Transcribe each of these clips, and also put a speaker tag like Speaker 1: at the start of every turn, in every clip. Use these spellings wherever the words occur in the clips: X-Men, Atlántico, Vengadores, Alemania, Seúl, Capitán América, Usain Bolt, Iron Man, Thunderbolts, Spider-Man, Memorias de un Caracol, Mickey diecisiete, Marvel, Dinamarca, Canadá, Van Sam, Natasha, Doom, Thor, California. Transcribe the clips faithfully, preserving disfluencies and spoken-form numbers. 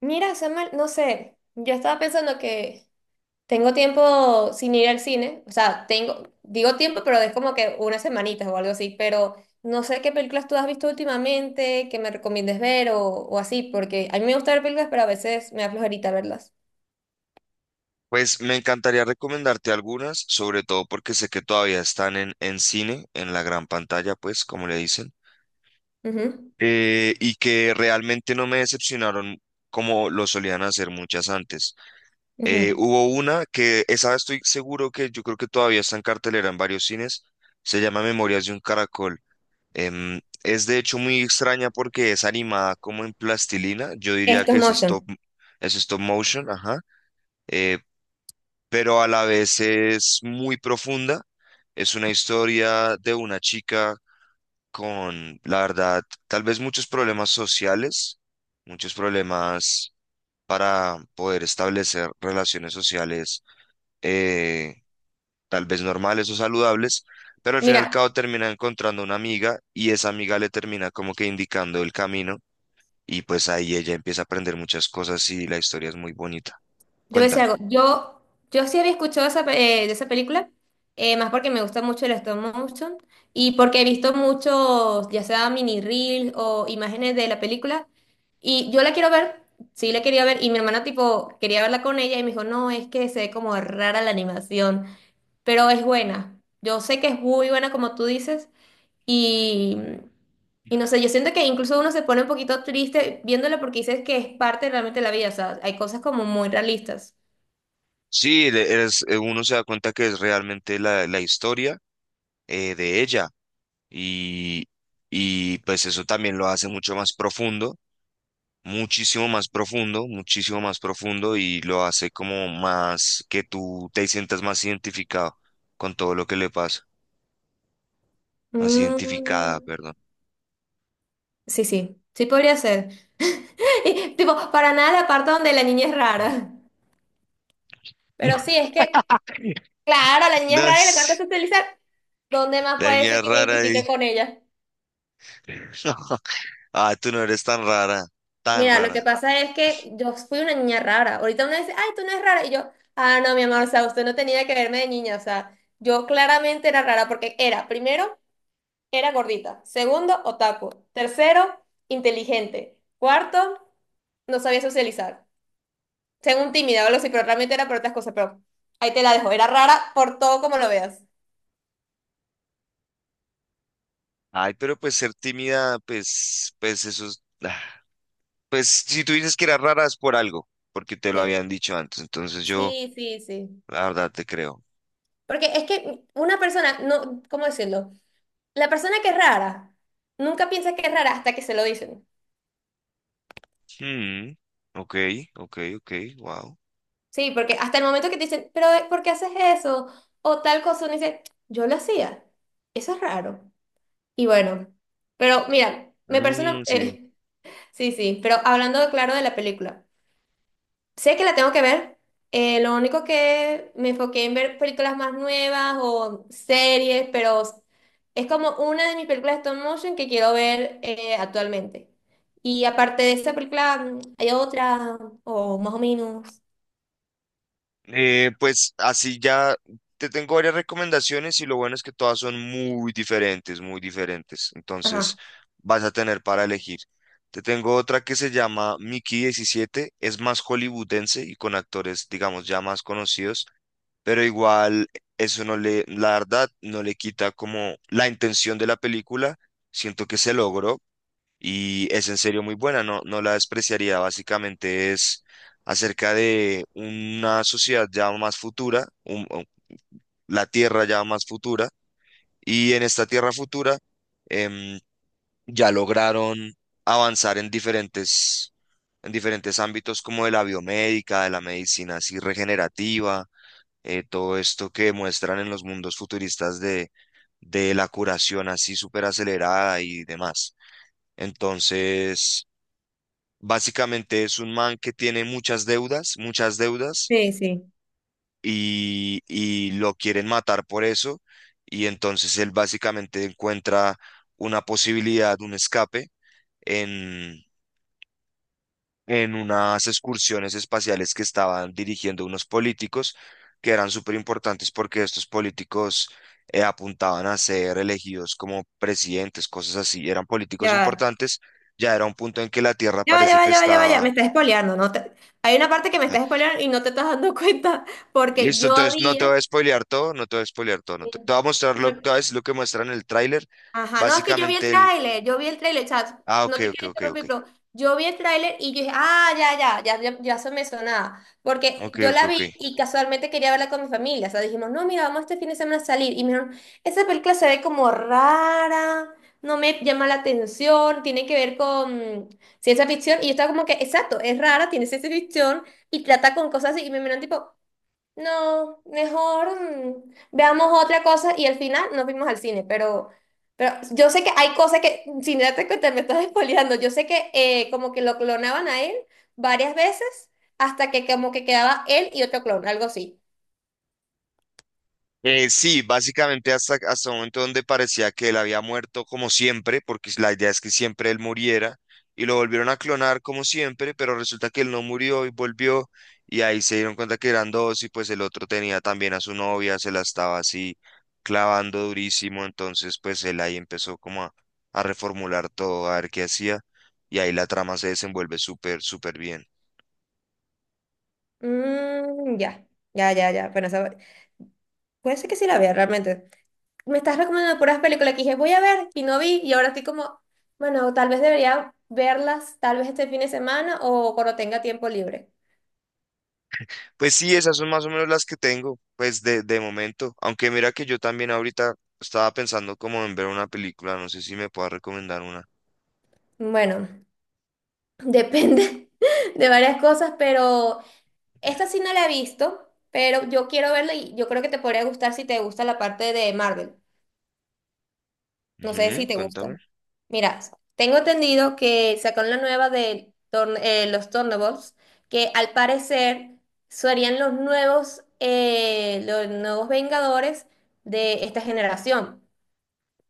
Speaker 1: Mira, Samuel, no sé, yo estaba pensando que tengo tiempo sin ir al cine, o sea, tengo, digo tiempo, pero es como que unas semanitas o algo así, pero no sé qué películas tú has visto últimamente, que me recomiendes ver o, o así, porque a mí me gusta ver películas, pero a veces me da flojerita verlas.
Speaker 2: Pues me encantaría recomendarte algunas, sobre todo porque sé que todavía están en, en cine, en la gran pantalla, pues, como le dicen,
Speaker 1: Ujú,
Speaker 2: eh, y que realmente no me decepcionaron como lo solían hacer muchas antes. Eh,
Speaker 1: ujú.
Speaker 2: hubo una que, esa estoy seguro que yo creo que todavía está en cartelera en varios cines, se llama Memorias de un Caracol. Em, es de hecho muy extraña porque es animada como en plastilina, yo diría
Speaker 1: Esto es
Speaker 2: que es stop,
Speaker 1: motion.
Speaker 2: es stop motion, ajá. Eh, pero a la vez es muy profunda. Es una historia de una chica con, la verdad, tal vez muchos problemas sociales, muchos problemas para poder establecer relaciones sociales, eh, tal vez normales o saludables, pero al fin y al
Speaker 1: Mira.
Speaker 2: cabo termina encontrando una amiga y esa amiga le termina como que indicando el camino, y pues ahí ella empieza a aprender muchas cosas y la historia es muy bonita.
Speaker 1: Debo decir
Speaker 2: Cuéntame.
Speaker 1: algo. Yo, yo sí había escuchado esa, pe- eh, de esa película, eh, más porque me gusta mucho el stop motion y porque he visto muchos, ya sea mini reels o imágenes de la película. Y yo la quiero ver, sí la quería ver. Y mi hermana, tipo, quería verla con ella y me dijo, no, es que se ve como rara la animación, pero es buena. Yo sé que es muy buena, como tú dices. Y, y no sé, yo siento que incluso uno se pone un poquito triste viéndola porque dices que es parte realmente de la vida. O sea, hay cosas como muy realistas.
Speaker 2: Sí, le- es- eh, uno se da cuenta que es realmente la, la historia eh, de ella y, y pues eso también lo hace mucho más profundo. Muchísimo más profundo, muchísimo más profundo, y lo hace como más que tú te sientas más identificado con todo lo que le pasa, más identificada,
Speaker 1: Mm,
Speaker 2: perdón.
Speaker 1: sí, sí, sí podría ser. Y, tipo, para nada la parte donde la niña es rara. Pero sí, es que, claro, la niña es rara y le encanta
Speaker 2: Das,
Speaker 1: socializar. ¿Dónde más
Speaker 2: la
Speaker 1: puede
Speaker 2: niña
Speaker 1: ser
Speaker 2: es
Speaker 1: que me
Speaker 2: rara ahí.
Speaker 1: identifique con ella?
Speaker 2: Ah, tú no eres tan rara, tan
Speaker 1: Mira, lo que
Speaker 2: rara.
Speaker 1: pasa es que yo fui una niña rara. Ahorita uno dice, ay, tú no eres rara. Y yo, ah, no, mi amor, o sea, usted no tenía que verme de niña. O sea, yo claramente era rara porque era, primero, era gordita. Segundo, otaku. Tercero, inteligente. Cuarto, no sabía socializar. Tengo un tímida o algo así, pero realmente era por otras cosas, pero ahí te la dejo. Era rara por todo como lo veas.
Speaker 2: Ay, pero pues ser tímida, pues, pues eso es, ah, pues si tú dices que eras rara es por algo, porque te lo
Speaker 1: Sí,
Speaker 2: habían dicho antes, entonces yo,
Speaker 1: sí, sí, sí.
Speaker 2: la verdad, te creo.
Speaker 1: Porque es que una persona, no, ¿cómo decirlo? La persona que es rara, nunca piensa que es rara hasta que se lo dicen.
Speaker 2: Hmm, ok, ok, ok, wow.
Speaker 1: Sí, porque hasta el momento que te dicen, pero eh, ¿por qué haces eso? O tal cosa, uno dice, yo lo hacía. Eso es raro. Y bueno, pero mira, me persona,
Speaker 2: Mm, sí.
Speaker 1: eh, sí, sí, pero hablando claro de la película. Sé que la tengo que ver. Eh, lo único que me enfoqué en ver películas más nuevas o series, pero es como una de mis películas de stop motion que quiero ver eh, actualmente. Y aparte de esta película, mm, hay otra, o más o menos.
Speaker 2: Eh, pues así ya te tengo varias recomendaciones y lo bueno es que todas son muy diferentes, muy diferentes. Entonces
Speaker 1: Ajá.
Speaker 2: vas a tener para elegir. Te tengo otra que se llama Mickey diecisiete. Es más hollywoodense y con actores, digamos, ya más conocidos, pero igual eso no le, la verdad, no le quita como la intención de la película. Siento que se logró, y es en serio muy buena, no, no la despreciaría. Básicamente es acerca de una sociedad ya más futura, un- o la Tierra ya más futura, y en esta Tierra futura, em, ya lograron avanzar en diferentes, en diferentes ámbitos como de la biomédica, de la medicina así regenerativa, eh, todo esto que muestran en los mundos futuristas de, de la curación así súper acelerada y demás. Entonces, básicamente es un man que tiene muchas deudas, muchas deudas,
Speaker 1: Sí, sí.
Speaker 2: y, y lo quieren matar por eso. Y entonces él básicamente encuentra una posibilidad, un escape en, en unas excursiones espaciales que estaban dirigiendo unos políticos que eran súper importantes porque estos políticos eh, apuntaban a ser elegidos como presidentes, cosas así. Eran
Speaker 1: Ya
Speaker 2: políticos
Speaker 1: va.
Speaker 2: importantes. Ya era un punto en que la Tierra
Speaker 1: Ya va, ya
Speaker 2: parece
Speaker 1: va,
Speaker 2: que
Speaker 1: ya va, ya va, ya.
Speaker 2: estaba...
Speaker 1: Me estás spoileando, ¿no? te- Hay una parte que me
Speaker 2: Ah,
Speaker 1: estás spoileando y no te estás dando cuenta porque
Speaker 2: listo,
Speaker 1: yo
Speaker 2: entonces no te
Speaker 1: había...
Speaker 2: voy a spoilear todo, no te voy a spoilear todo, no te, te voy a mostrar lo, te voy a decir lo que muestra en el tráiler.
Speaker 1: Ajá, no, es que yo vi el
Speaker 2: Básicamente el...
Speaker 1: tráiler, yo vi el tráiler, o sea,
Speaker 2: Ah, ok,
Speaker 1: no te
Speaker 2: ok,
Speaker 1: quiero
Speaker 2: ok, ok.
Speaker 1: interrumpir, pero yo vi el tráiler y yo dije, ah, ya, ya, ya, ya, ya se me sonaba, porque
Speaker 2: Ok,
Speaker 1: yo
Speaker 2: ok,
Speaker 1: la vi
Speaker 2: ok.
Speaker 1: y casualmente quería verla con mi familia, o sea, dijimos, no, mira, vamos este fin de semana a salir, y me dijeron, esa película se ve como rara, no me llama la atención, tiene que ver con ciencia ficción, y yo estaba como que, exacto, es rara, tiene ciencia ficción, y trata con cosas así, y me miran tipo, no, mejor mm, veamos otra cosa y al final nos fuimos al cine, pero, pero yo sé que hay cosas que, mm, sin darte cuenta, me estás espoleando, yo sé que eh, como que lo clonaban a él varias veces hasta que como que quedaba él y otro clon, algo así.
Speaker 2: Eh, sí, básicamente hasta, hasta un momento donde parecía que él había muerto como siempre, porque la idea es que siempre él muriera, y lo volvieron a clonar como siempre, pero resulta que él no murió y volvió, y ahí se dieron cuenta que eran dos, y pues el otro tenía también a su novia, se la estaba así clavando durísimo, entonces pues él ahí empezó como a, a reformular todo, a ver qué hacía, y ahí la trama se desenvuelve súper, súper bien.
Speaker 1: Mm, ya, ya, ya, ya, bueno, esa- puede ser que sí la vea realmente. Me estás recomendando puras películas que dije voy a ver y no vi y ahora estoy como, bueno, tal vez debería verlas tal vez este fin de semana o cuando tenga tiempo libre.
Speaker 2: Pues sí, esas son más o menos las que tengo, pues de, de momento. Aunque mira que yo también ahorita estaba pensando como en ver una película, no sé si me puedas recomendar una.
Speaker 1: Bueno. Depende de varias cosas, pero esta sí no la he visto, pero yo quiero verla y yo creo que te podría gustar si te gusta la parte de Marvel. No sé si
Speaker 2: Ujú,
Speaker 1: te gusta.
Speaker 2: cuéntame.
Speaker 1: Mira, tengo entendido que sacaron la nueva de Thor- eh, los Thunderbolts, que al parecer serían los nuevos, eh, los nuevos Vengadores de esta generación.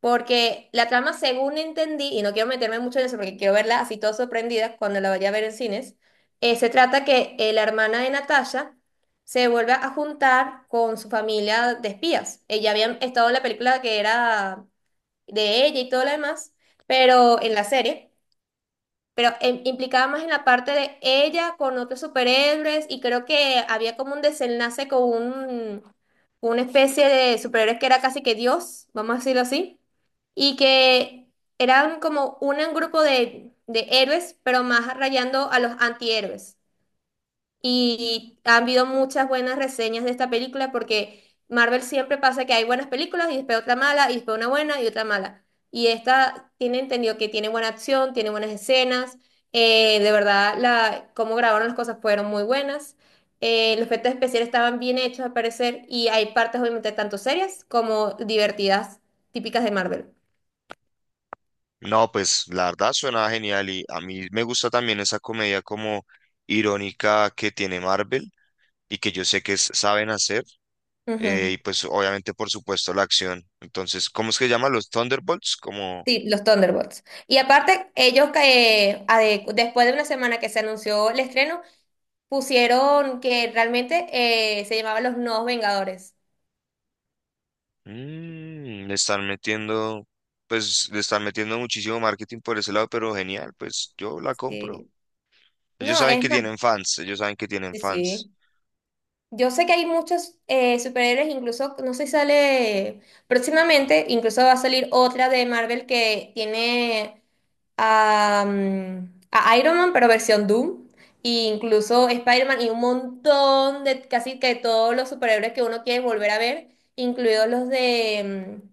Speaker 1: Porque la trama, según entendí, y no quiero meterme mucho en eso porque quiero verla así todo sorprendida cuando la vaya a ver en cines, eh, se trata que eh, la hermana de Natasha se vuelve a juntar con su familia de espías. Ella había estado en la película que era de ella y todo lo demás, pero en la serie, pero em- implicaba más en la parte de ella con otros superhéroes y creo que había como un desenlace con un, una especie de superhéroe que era casi que Dios, vamos a decirlo así y que eran como un grupo de, de héroes, pero más rayando a los antihéroes. Y han habido muchas buenas reseñas de esta película porque Marvel siempre pasa que hay buenas películas y después otra mala, y después una buena y otra mala. Y esta tiene entendido que tiene buena acción, tiene buenas escenas, eh, de verdad la, cómo grabaron las cosas fueron muy buenas. Eh, los efectos especiales estaban bien hechos al parecer y hay partes obviamente tanto serias como divertidas, típicas de Marvel.
Speaker 2: No, pues la verdad suena genial y a mí me gusta también esa comedia como irónica que tiene Marvel y que yo sé que s- saben hacer, eh,
Speaker 1: Ujú.
Speaker 2: y pues obviamente por supuesto la acción. Entonces, ¿cómo es que llaman los Thunderbolts? Como
Speaker 1: Sí, los Thunderbolts. Y aparte, ellos eh, a de- después de una semana que se anunció el estreno, pusieron que realmente eh, se llamaban los Nuevos Vengadores.
Speaker 2: mm, le están metiendo, pues le están metiendo muchísimo marketing por ese lado, pero genial, pues yo la compro.
Speaker 1: Sí.
Speaker 2: Ellos
Speaker 1: No,
Speaker 2: saben
Speaker 1: es
Speaker 2: que
Speaker 1: más,
Speaker 2: tienen fans, ellos saben que tienen
Speaker 1: sí,
Speaker 2: fans.
Speaker 1: sí. Yo sé que hay muchos eh, superhéroes, incluso, no sé si sale próximamente, incluso va a salir otra de Marvel que tiene a, mm, a Iron Man, pero versión Doom, e incluso Spider-Man y un montón de casi que todos los superhéroes que uno quiere volver a ver, incluidos los de, mm,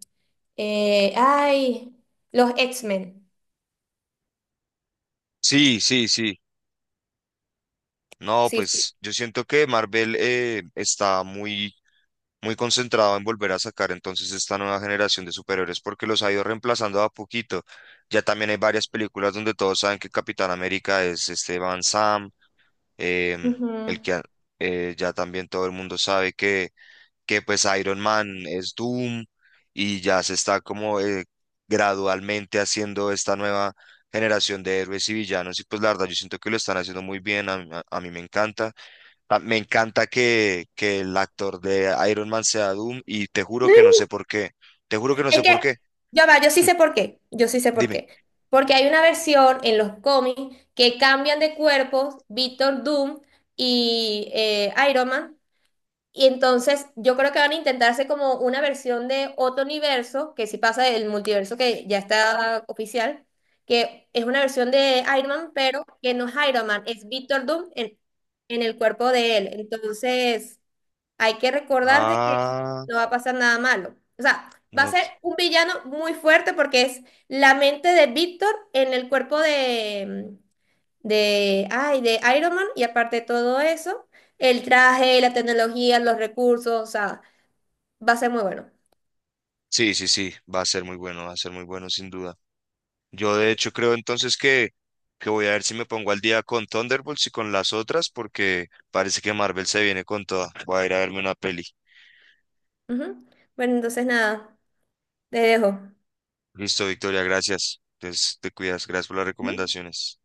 Speaker 1: eh, ay, los X-Men.
Speaker 2: Sí, sí, sí. No,
Speaker 1: Sí, sí.
Speaker 2: pues yo siento que Marvel eh, está muy, muy concentrado en volver a sacar entonces esta nueva generación de superhéroes porque los ha ido reemplazando a poquito. Ya también hay varias películas donde todos saben que Capitán América es este Van Sam, em,
Speaker 1: Ujú.
Speaker 2: el que a- eh, ya también todo el mundo sabe que que pues Iron Man es Doom, y ya se está como eh, gradualmente haciendo esta nueva generación de héroes y villanos, y pues la verdad yo siento que lo están haciendo muy bien, a, mí a- a mí me encanta. Ta- Me encanta que, que el actor de Iron Man sea Doom, y te juro que no sé por qué, te juro que no
Speaker 1: Es
Speaker 2: sé por
Speaker 1: que,
Speaker 2: qué,
Speaker 1: ya va, yo sí sé por qué, yo sí sé por
Speaker 2: dime.
Speaker 1: qué. Porque hay una versión en los cómics que cambian de cuerpos Víctor Doom y eh, Iron Man. Y entonces yo creo que van a intentarse como una versión de otro universo, que si pasa del multiverso que ya está oficial, que es una versión de Iron Man, pero que no es Iron Man, es Víctor Doom en, en el cuerpo de él. Entonces... Hay que recordar de que
Speaker 2: Ah,
Speaker 1: no va a pasar nada malo. O sea, va a
Speaker 2: no.
Speaker 1: ser un villano muy fuerte porque es la mente de Víctor en el cuerpo de, mm, de, ay, de Iron Man y aparte de todo eso, el traje, la tecnología, los recursos, o sea, va a ser muy bueno.
Speaker 2: Sí, sí, sí, va a ser muy bueno, va a ser muy bueno sin duda. Yo de hecho creo entonces que, que voy a ver si me pongo al día con Thunderbolts y con las otras, porque parece que Marvel se viene con toda. Voy a ir a verme una peli.
Speaker 1: Ujú. Bueno, entonces nada, te dejo.
Speaker 2: Listo, Victoria, gracias. Entonces te cuidas, gracias por las
Speaker 1: Ujú.
Speaker 2: recomendaciones.